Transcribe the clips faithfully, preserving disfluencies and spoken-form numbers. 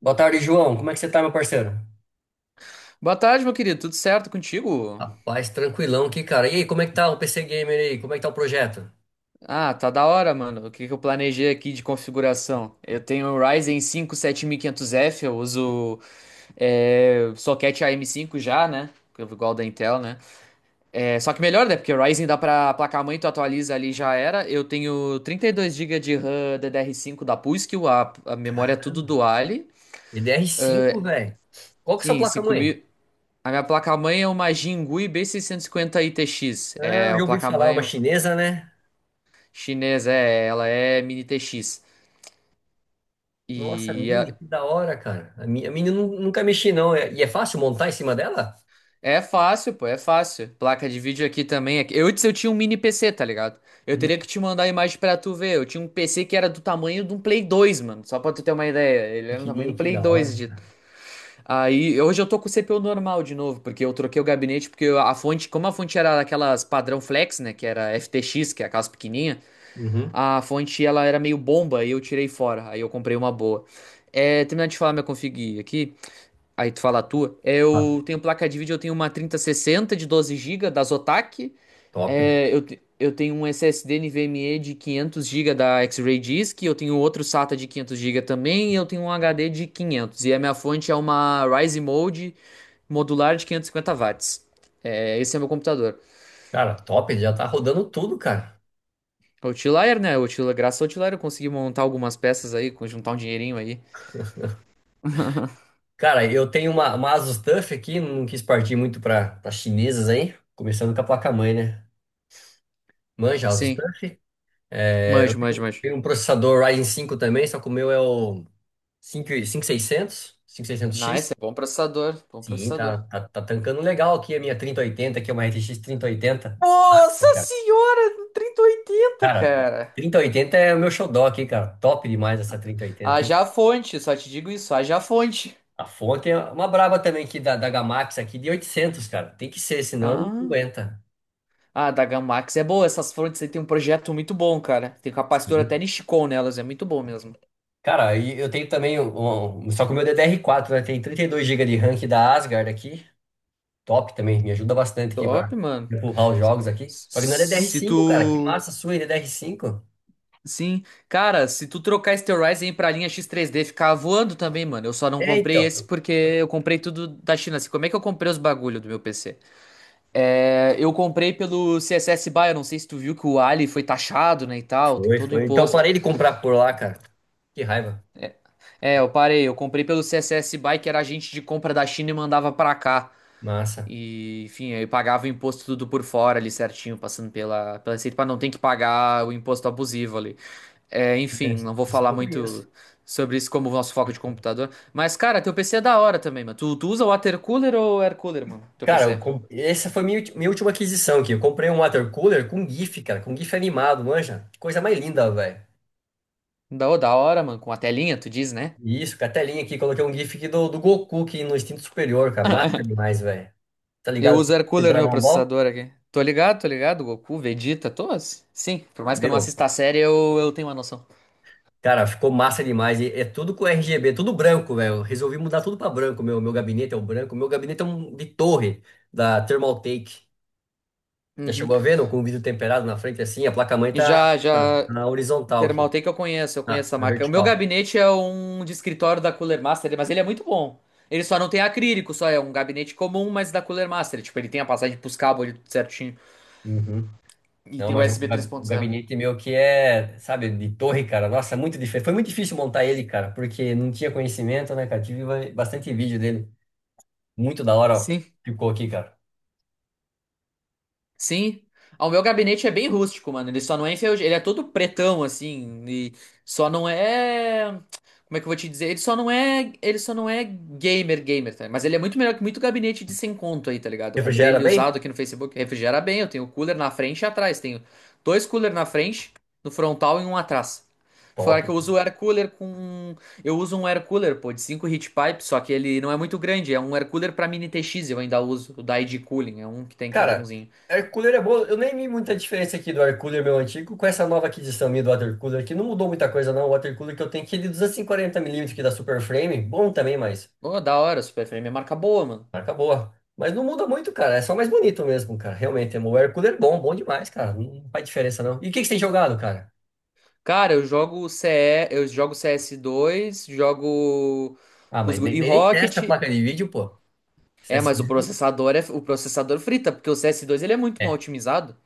Boa tarde, João. Como é que você tá, meu parceiro? Boa tarde, meu querido. Tudo certo contigo? Rapaz, tranquilão aqui, cara. E aí, como é que tá o P C Gamer aí? Como é que tá o projeto? Ah, tá da hora, mano. O que que eu planejei aqui de configuração? Eu tenho o Ryzen cinco sete mil e quinhentos F, eu uso é, soquete A M cinco já, né? Que é igual da Intel, né? É, só que melhor, né? Porque o Ryzen dá pra placa-mãe, tu atualiza ali já era. Eu tenho trinta e dois gigas de RAM D D R cinco da P U S C, a, a memória é tudo Duale. Edr cinco, velho. Qual que é a sua Sim, cinco placa-mãe? mil. A minha placa-mãe é uma Jinguei B seiscentos e cinquenta I T X. Ah, É, eu a já ouvi falar, uma placa-mãe. chinesa, né? Chinesa, é, ela é mini T X. Nossa, E Mini, é, que da hora, cara. A Mini, a Mini eu nu- nunca mexi, não. É- E é fácil montar em cima dela? é fácil, pô, é fácil. Placa de vídeo aqui também. é- Eu antes eu tinha um mini P C, tá ligado? Eu Hum, teria que te mandar a imagem pra tu ver. Eu tinha um P C que era do tamanho de um Play dois, mano. Só pra tu ter uma ideia. Ele era do tamanho Pequenininha, do que Play da hora. dois. De... Aí, hoje eu tô com o C P U normal de novo, porque eu troquei o gabinete, porque a fonte, como a fonte era daquelas padrão flex, né, que era F T X, que é aquelas pequenininha, Uhum. a fonte ela era meio bomba e eu tirei fora. Aí eu comprei uma boa. É, terminar de falar minha config aqui. Aí tu fala a tua. É, Ah, eu tenho placa de vídeo, eu tenho uma trinta sessenta de doze gigas da Zotac. top. É, eu, te- eu tenho um S S D NVMe de quinhentos gigas da X-Ray Disk. Eu tenho outro SATA de quinhentos gigas também. E eu tenho um H D de quinhentos. E a minha fonte é uma Rise Mode modular de quinhentos e cinquenta watts. É, esse é meu computador. Cara, top, já tá rodando tudo, cara. A Outlier, né? O Outlier, graças ao Outlier eu consegui montar algumas peças aí, juntar um dinheirinho aí. Cara, eu tenho uma, uma Asus TUF aqui, não quis partir muito para as chinesas aí. Começando com a placa-mãe, né? Manja, Asus Sim, TUF? É, eu manjo, manjo, tenho, manjo. tenho um processador Ryzen cinco também, só que o meu é o cinco e- cinco mil e seiscentos, seiscentos cinco mil e seiscentos Nice, x. é bom processador, bom Sim, tá, processador. tá, tá tancando legal aqui a minha trinta e oitenta que é uma R T X trinta e oitenta. Nossa Nossa, cara. senhora, trinta e oitenta, Cara, cara. trinta e oitenta é o meu xodó aqui, cara. Top demais essa trinta e oitenta, hein? Haja fonte, só te digo isso, haja fonte. A fonte é uma braba também aqui da, da Gamax aqui de oitocentos, cara. Tem que ser, senão não Ah, aguenta. ah, da Gamax é boa, essas fontes aí tem um projeto muito bom, cara. Tem um capacitor até Sim. Nishikon nelas, é muito bom mesmo. Cara, e eu tenho também, um, um- só que o meu D D R quatro, né? Tem trinta e dois gigas de RAM aqui da Asgard aqui. Top também, me ajuda bastante aqui Top, para mano. empurrar os jogos aqui. Só que não é Se D D R cinco, cara. Que tu. massa sua, hein, D D R cinco. Sim, cara, se tu trocar esse teu Ryzen pra linha X três D, ficar voando também, mano. Eu só não É, comprei esse então. porque eu comprei tudo da China. Assim, como é que eu comprei os bagulho do meu P C? É, eu comprei pelo C S S B Y, eu não sei se tu viu que o Ali foi taxado, né, e tal, tem Foi, todo o foi. Então imposto. parei de comprar por lá, cara. Que raiva. É, eu parei, eu comprei pelo C S S B Y, que era agente de compra da China e mandava pra cá. Massa. E, enfim, aí pagava o imposto tudo por fora ali certinho, passando pela, pela receita, pra não ter que pagar o imposto abusivo ali. É, É, enfim, Essa não vou essa eu falar não conheço. muito sobre isso como o nosso foco de computador. Mas, cara, teu P C é da hora também, mano. Tu, tu usa water cooler ou air cooler, mano? Teu Cara, eu P C? com- essa foi minha, ulti- minha última aquisição aqui. Eu comprei um water cooler com GIF, cara, com GIF animado, manja. Que coisa mais linda, velho. Da, da hora, mano, com a telinha, tu diz, né? Isso, com a telinha aqui, coloquei um GIF aqui do, do Goku aqui no instinto superior, cara. Massa demais, velho. Tá Eu ligado? uso air Com o cooler no meu Dragon Ball? processador aqui. Tô ligado, tô ligado. Goku, Vegeta, todos? Sim, por mais que eu não Meu. assista a série, eu, eu tenho uma noção. Cara, ficou massa demais. E é tudo com R G B, tudo branco, velho. Resolvi mudar tudo pra branco. Meu, meu gabinete é o branco. Meu gabinete é um de torre da Thermaltake. Já Uhum. chegou a ver, não? Com o vidro temperado na frente assim, a placa-mãe E tá já, na, já, na horizontal aqui, Thermaltake eu conheço, eu conheço, na, essa na marca. O meu vertical. gabinete é um de escritório da Cooler Master, mas ele é muito bom. Ele só não tem acrílico, só é um gabinete comum, mas da Cooler Master. Tipo, ele tem a passagem pros cabos ali tudo certinho. Uhum. E Não, tem o U mas o, S B três ga- o ponto zero. gabinete meu que é, sabe, de torre, cara. Nossa, é muito difícil. Foi muito difícil montar ele, cara, porque não tinha conhecimento, né, cara? Tive ba- bastante vídeo dele. Muito da hora, ó. Sim. Ficou aqui, cara. Sim. Ah, o meu gabinete é bem rústico, mano. Ele só não é enferrujado. Ele é todo pretão, assim. E só não é. Como é que eu vou te dizer? Ele só não é. Ele só não é gamer, gamer, tá? Mas ele é muito melhor que muito gabinete de cem conto aí, tá ligado? Eu comprei Refrigera ele bem? usado aqui no Facebook. Refrigera bem. Eu tenho cooler na frente e atrás. Tenho dois cooler na frente, no frontal e um atrás. Fora Top. que eu uso o air cooler com. Eu uso um air cooler, pô, de cinco heat pipe, só que ele não é muito grande. É um air cooler pra mini T X, eu ainda uso. O da I D Cooling. É um que tem que é Cara, bonzinho. air cooler é bom. Eu nem vi muita diferença aqui do air cooler meu antigo com essa nova aquisição minha do water cooler, que não mudou muita coisa não. O water cooler que eu tenho aqui é de duzentos e quarenta milímetros que da Super Frame, bom também, mas Ô, da hora, Super Frame é marca boa, mano. marca boa. Mas não muda muito, cara. É só mais bonito mesmo, cara. Realmente, o air cooler é bom, bom demais, cara. Não faz diferença não. E o que que você tem jogado, cara? Cara, eu jogo C E, eu jogo C S dois, jogo Ah, com os mas gu- nem, e nem nem testa a Rocket. placa de vídeo, pô. Isso é, É, assim mas o mesmo? processador é o processador frita, porque o C S dois ele é muito mal É, otimizado.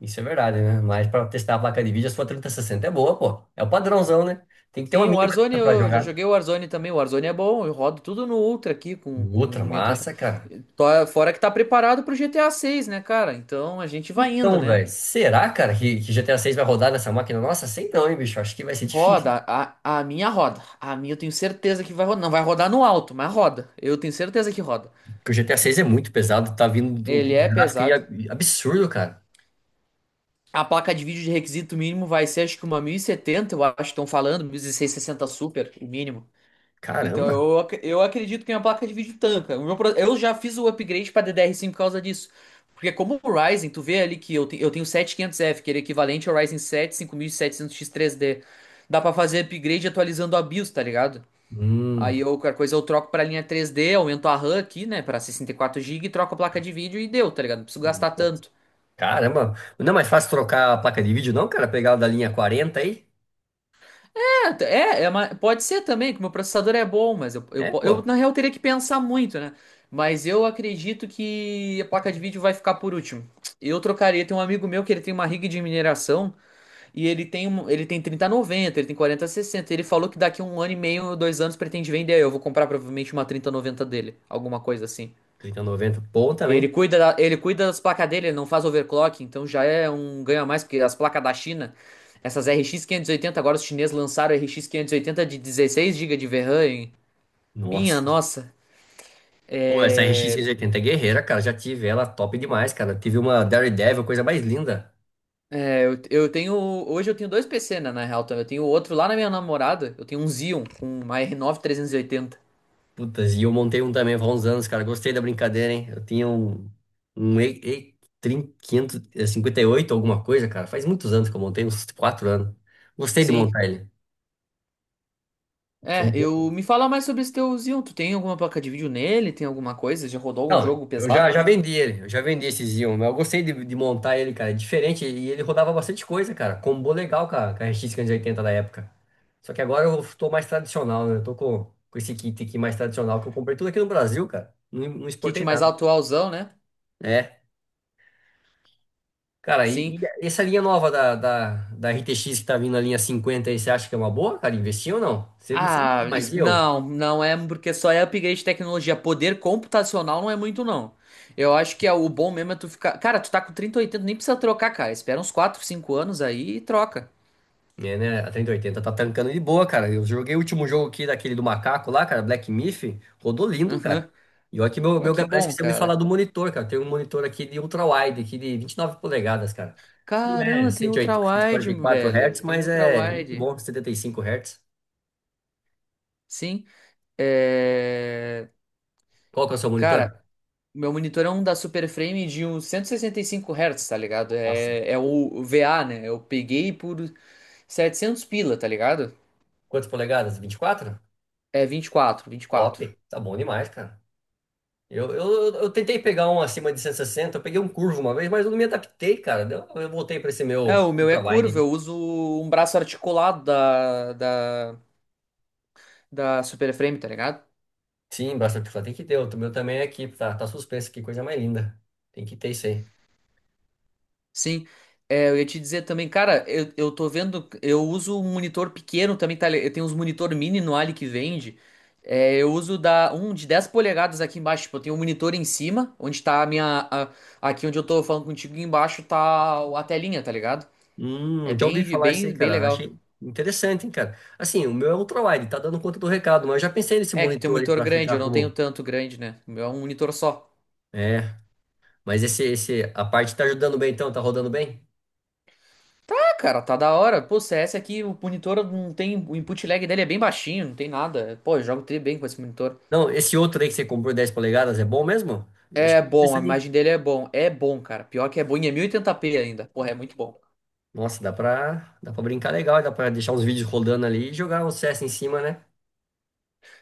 isso é verdade, né? Mas pra testar a placa de vídeo, a sua trinta e sessenta é boa, pô. É o padrãozão, né? Tem que ter uma Sim, o mínima Warzone, dessa pra eu já jogar. joguei o Warzone também. O Warzone é bom, eu rodo tudo no Ultra aqui com, com Outra mil e oitenta. massa, cara. Tô- Fora que tá preparado pro G T A seis, né, cara? Então a gente vai indo, Então, né? velho, será, cara, que, que G T A seis vai rodar nessa máquina? Nossa, sei não, hein, bicho. Acho que vai ser difícil. Roda, a, a minha roda. A minha eu tenho certeza que vai rodar. Não vai rodar no alto, mas roda. Eu tenho certeza que roda. Porque o G T A seis é muito pesado, tá vindo de um Ele é gráfico aí pesado. ab- absurdo, cara. A placa de vídeo de requisito mínimo vai ser acho que uma mil e setenta, eu acho que estão falando, dezesseis sessenta Super, o mínimo. Então Caramba. eu, ac- eu acredito que minha placa de vídeo tanca. O meu pro- eu já fiz o upgrade para D D R cinco por causa disso. Porque como o Ryzen, tu vê ali que eu, te- eu tenho sete quinhentos F, que ele é equivalente ao Ryzen sete cinco mil e setecentos X três D. Dá para fazer upgrade atualizando a BIOS, tá ligado? Hum, Aí eu, qualquer coisa eu troco pra linha três D, aumento a RAM aqui, né, pra sessenta e quatro gigas, troco a placa de vídeo e deu, tá ligado? Não preciso gastar Nossa, tanto. caramba. Não é mais fácil trocar a placa de vídeo, não, cara? Pegar a da linha quarenta aí? É, é uma- pode ser também, que o meu processador é bom, mas eu, eu, É, po- eu, pô. na real teria que pensar muito, né? Mas eu acredito que a placa de vídeo vai ficar por último. Eu trocaria, tem um amigo meu que ele tem uma rig de mineração e ele tem, um- ele tem trinta noventa, ele tem quarenta sessenta. Ele falou que daqui a um ano e meio, dois anos, pretende vender. Eu vou comprar provavelmente uma trinta noventa dele, alguma coisa assim. Trinta noventa, bom Ele também. cuida, da- ele cuida das placas dele, ele não faz overclock, então já é um ganho a mais, porque as placas da China, essas R X quinhentos e oitenta, agora os chineses lançaram a R X quinhentos e oitenta de dezesseis gigas de VRAM, hein? Minha Nossa. nossa. Pô, essa R X É, seiscentos e oitenta é guerreira, cara. Já tive ela, top demais, cara. Tive uma Daredevil, coisa mais linda. é, eu, eu tenho. Hoje eu tenho dois P C, né, na real, também. Eu tenho outro lá na minha namorada, eu tenho um Xeon com uma R nove trezentos e oitenta. Putas, e eu montei um também há uns anos, cara. Gostei da brincadeira, hein? Eu tinha um, um E- E- trinta, quinhentos e cinquenta e oito alguma coisa, cara. Faz muitos anos que eu montei, uns quatro anos. Gostei de Sim. montar ele. Foi É, um pouco. eu me fala mais sobre esse teu Xeon. Tu tem alguma placa de vídeo nele? Tem alguma coisa? Já rodou algum Não, jogo eu já, pesado já nele? vendi ele, eu já vendi esse Xeon, mas eu gostei de, de montar ele, cara. É diferente, e ele rodava bastante coisa, cara. Combou legal, cara, com a R X quinhentos e oitenta da época. Só que agora eu tô mais tradicional, né? Eu tô com, com esse kit aqui mais tradicional que eu comprei tudo aqui no Brasil, cara. Não, não Kit exportei mais nada. atualzão, né? É. Cara, e, Sim. e essa linha nova da, da, da R T X que tá vindo na linha cinquenta aí, você acha que é uma boa, cara? Investir ou não? Você, não- você não quer Ah, mais, e isso- eu? não, não é porque só é upgrade de tecnologia. Poder computacional não é muito, não. Eu acho que é o bom mesmo é tu ficar. Cara, tu tá com trinta e oitenta, nem precisa trocar, cara. Espera uns quatro, cinco anos aí e troca. É, né? A trinta e oitenta tá tancando de boa, cara. Eu joguei o último jogo aqui daquele do macaco lá, cara, Black Myth, rodou lindo, cara. Aham. E olha que meu, Ó, meu, que parece que bom, você me falar cara. do monitor, cara. Tem um monitor aqui de ultra-wide, aqui de vinte e nove polegadas, cara. Não é Caramba, tem cento cento e e oitenta, cento e quarenta ultra-wide, e meu quatro Hz, velho. Tem mas é muito ultra-wide. bom, setenta e cinco Hz. Sim. É. Qual que é o seu Cara, monitor? meu monitor é um da Super Frame de uns cento e sessenta e cinco Hz, tá ligado? Nossa. É, é o V A, né? Eu peguei por setecentos pila, tá ligado? Quantas polegadas? Vinte e quatro. É vinte vinte e quatro, vinte e Top, quatro. tá bom demais, cara. Eu, eu, eu tentei pegar um acima de cento e sessenta, eu peguei um curvo uma vez, mas eu não me adaptei, cara. Deu- Eu voltei para esse É, meu o meu é ultrawide curvo, ali. eu uso um braço articulado da, da, da Super Frame, tá ligado? Sim, bastante flat. Tem que ter, o meu também é aqui, tá, tá suspenso, que coisa mais linda. Tem que ter isso aí. Sim. É, eu ia te dizer também, cara, eu, eu tô vendo, eu uso um monitor pequeno também, tá? li- Eu tenho uns monitor mini no Ali que vende. É, eu uso da, um de dez polegadas aqui embaixo, tipo, eu tenho um monitor em cima, onde tá a minha, a- aqui onde eu tô falando contigo, embaixo tá a telinha, tá ligado? É Hum, já ouvi bem, falar isso aí, bem, bem cara. legal. Achei interessante, hein, cara. Assim, o meu é ultrawide, tá dando conta do recado, mas eu já pensei nesse É, que tem um monitor aí monitor para grande, ficar eu não tenho como. tanto grande, né? O meu é um monitor só. É, mas esse, esse, a parte tá ajudando bem então, tá rodando bem? Cara, tá da hora. Pô, C S aqui, o monitor não tem. O input lag dele é bem baixinho, não tem nada. Pô, eu jogo tri bem com esse monitor. Não, esse outro aí que você comprou dez polegadas é bom mesmo? Eu acho É que tô bom, a pensando. imagem dele é bom. É bom, cara. Pior que é bom. E é mil e oitenta pê ainda. Porra, é muito bom. Nossa, dá pra, dá pra brincar legal, dá pra deixar uns vídeos rodando ali e jogar o C S em cima, né?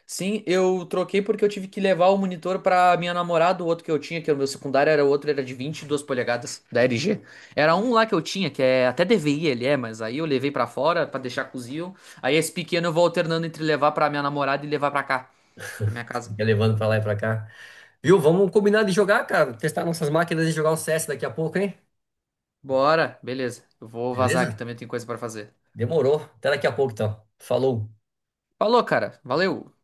Sim, eu troquei porque eu tive que levar o monitor pra minha namorada, o outro que eu tinha, que era o meu secundário, era o outro, era de vinte e dois polegadas, da L G. Era um lá que eu tinha, que é até D V I ele é, mas aí eu levei pra fora pra deixar cozido. Aí esse pequeno eu vou alternando entre levar pra minha namorada e levar pra cá, pra minha casa. Fica levando pra lá e pra cá. Viu? Vamos combinar de jogar, cara. Testar nossas máquinas e jogar o C S daqui a pouco, hein? Bora, beleza. Eu vou vazar aqui Beleza? também, tem coisa pra fazer. Demorou. Até daqui a pouco, então. Falou. Falou, cara. Valeu.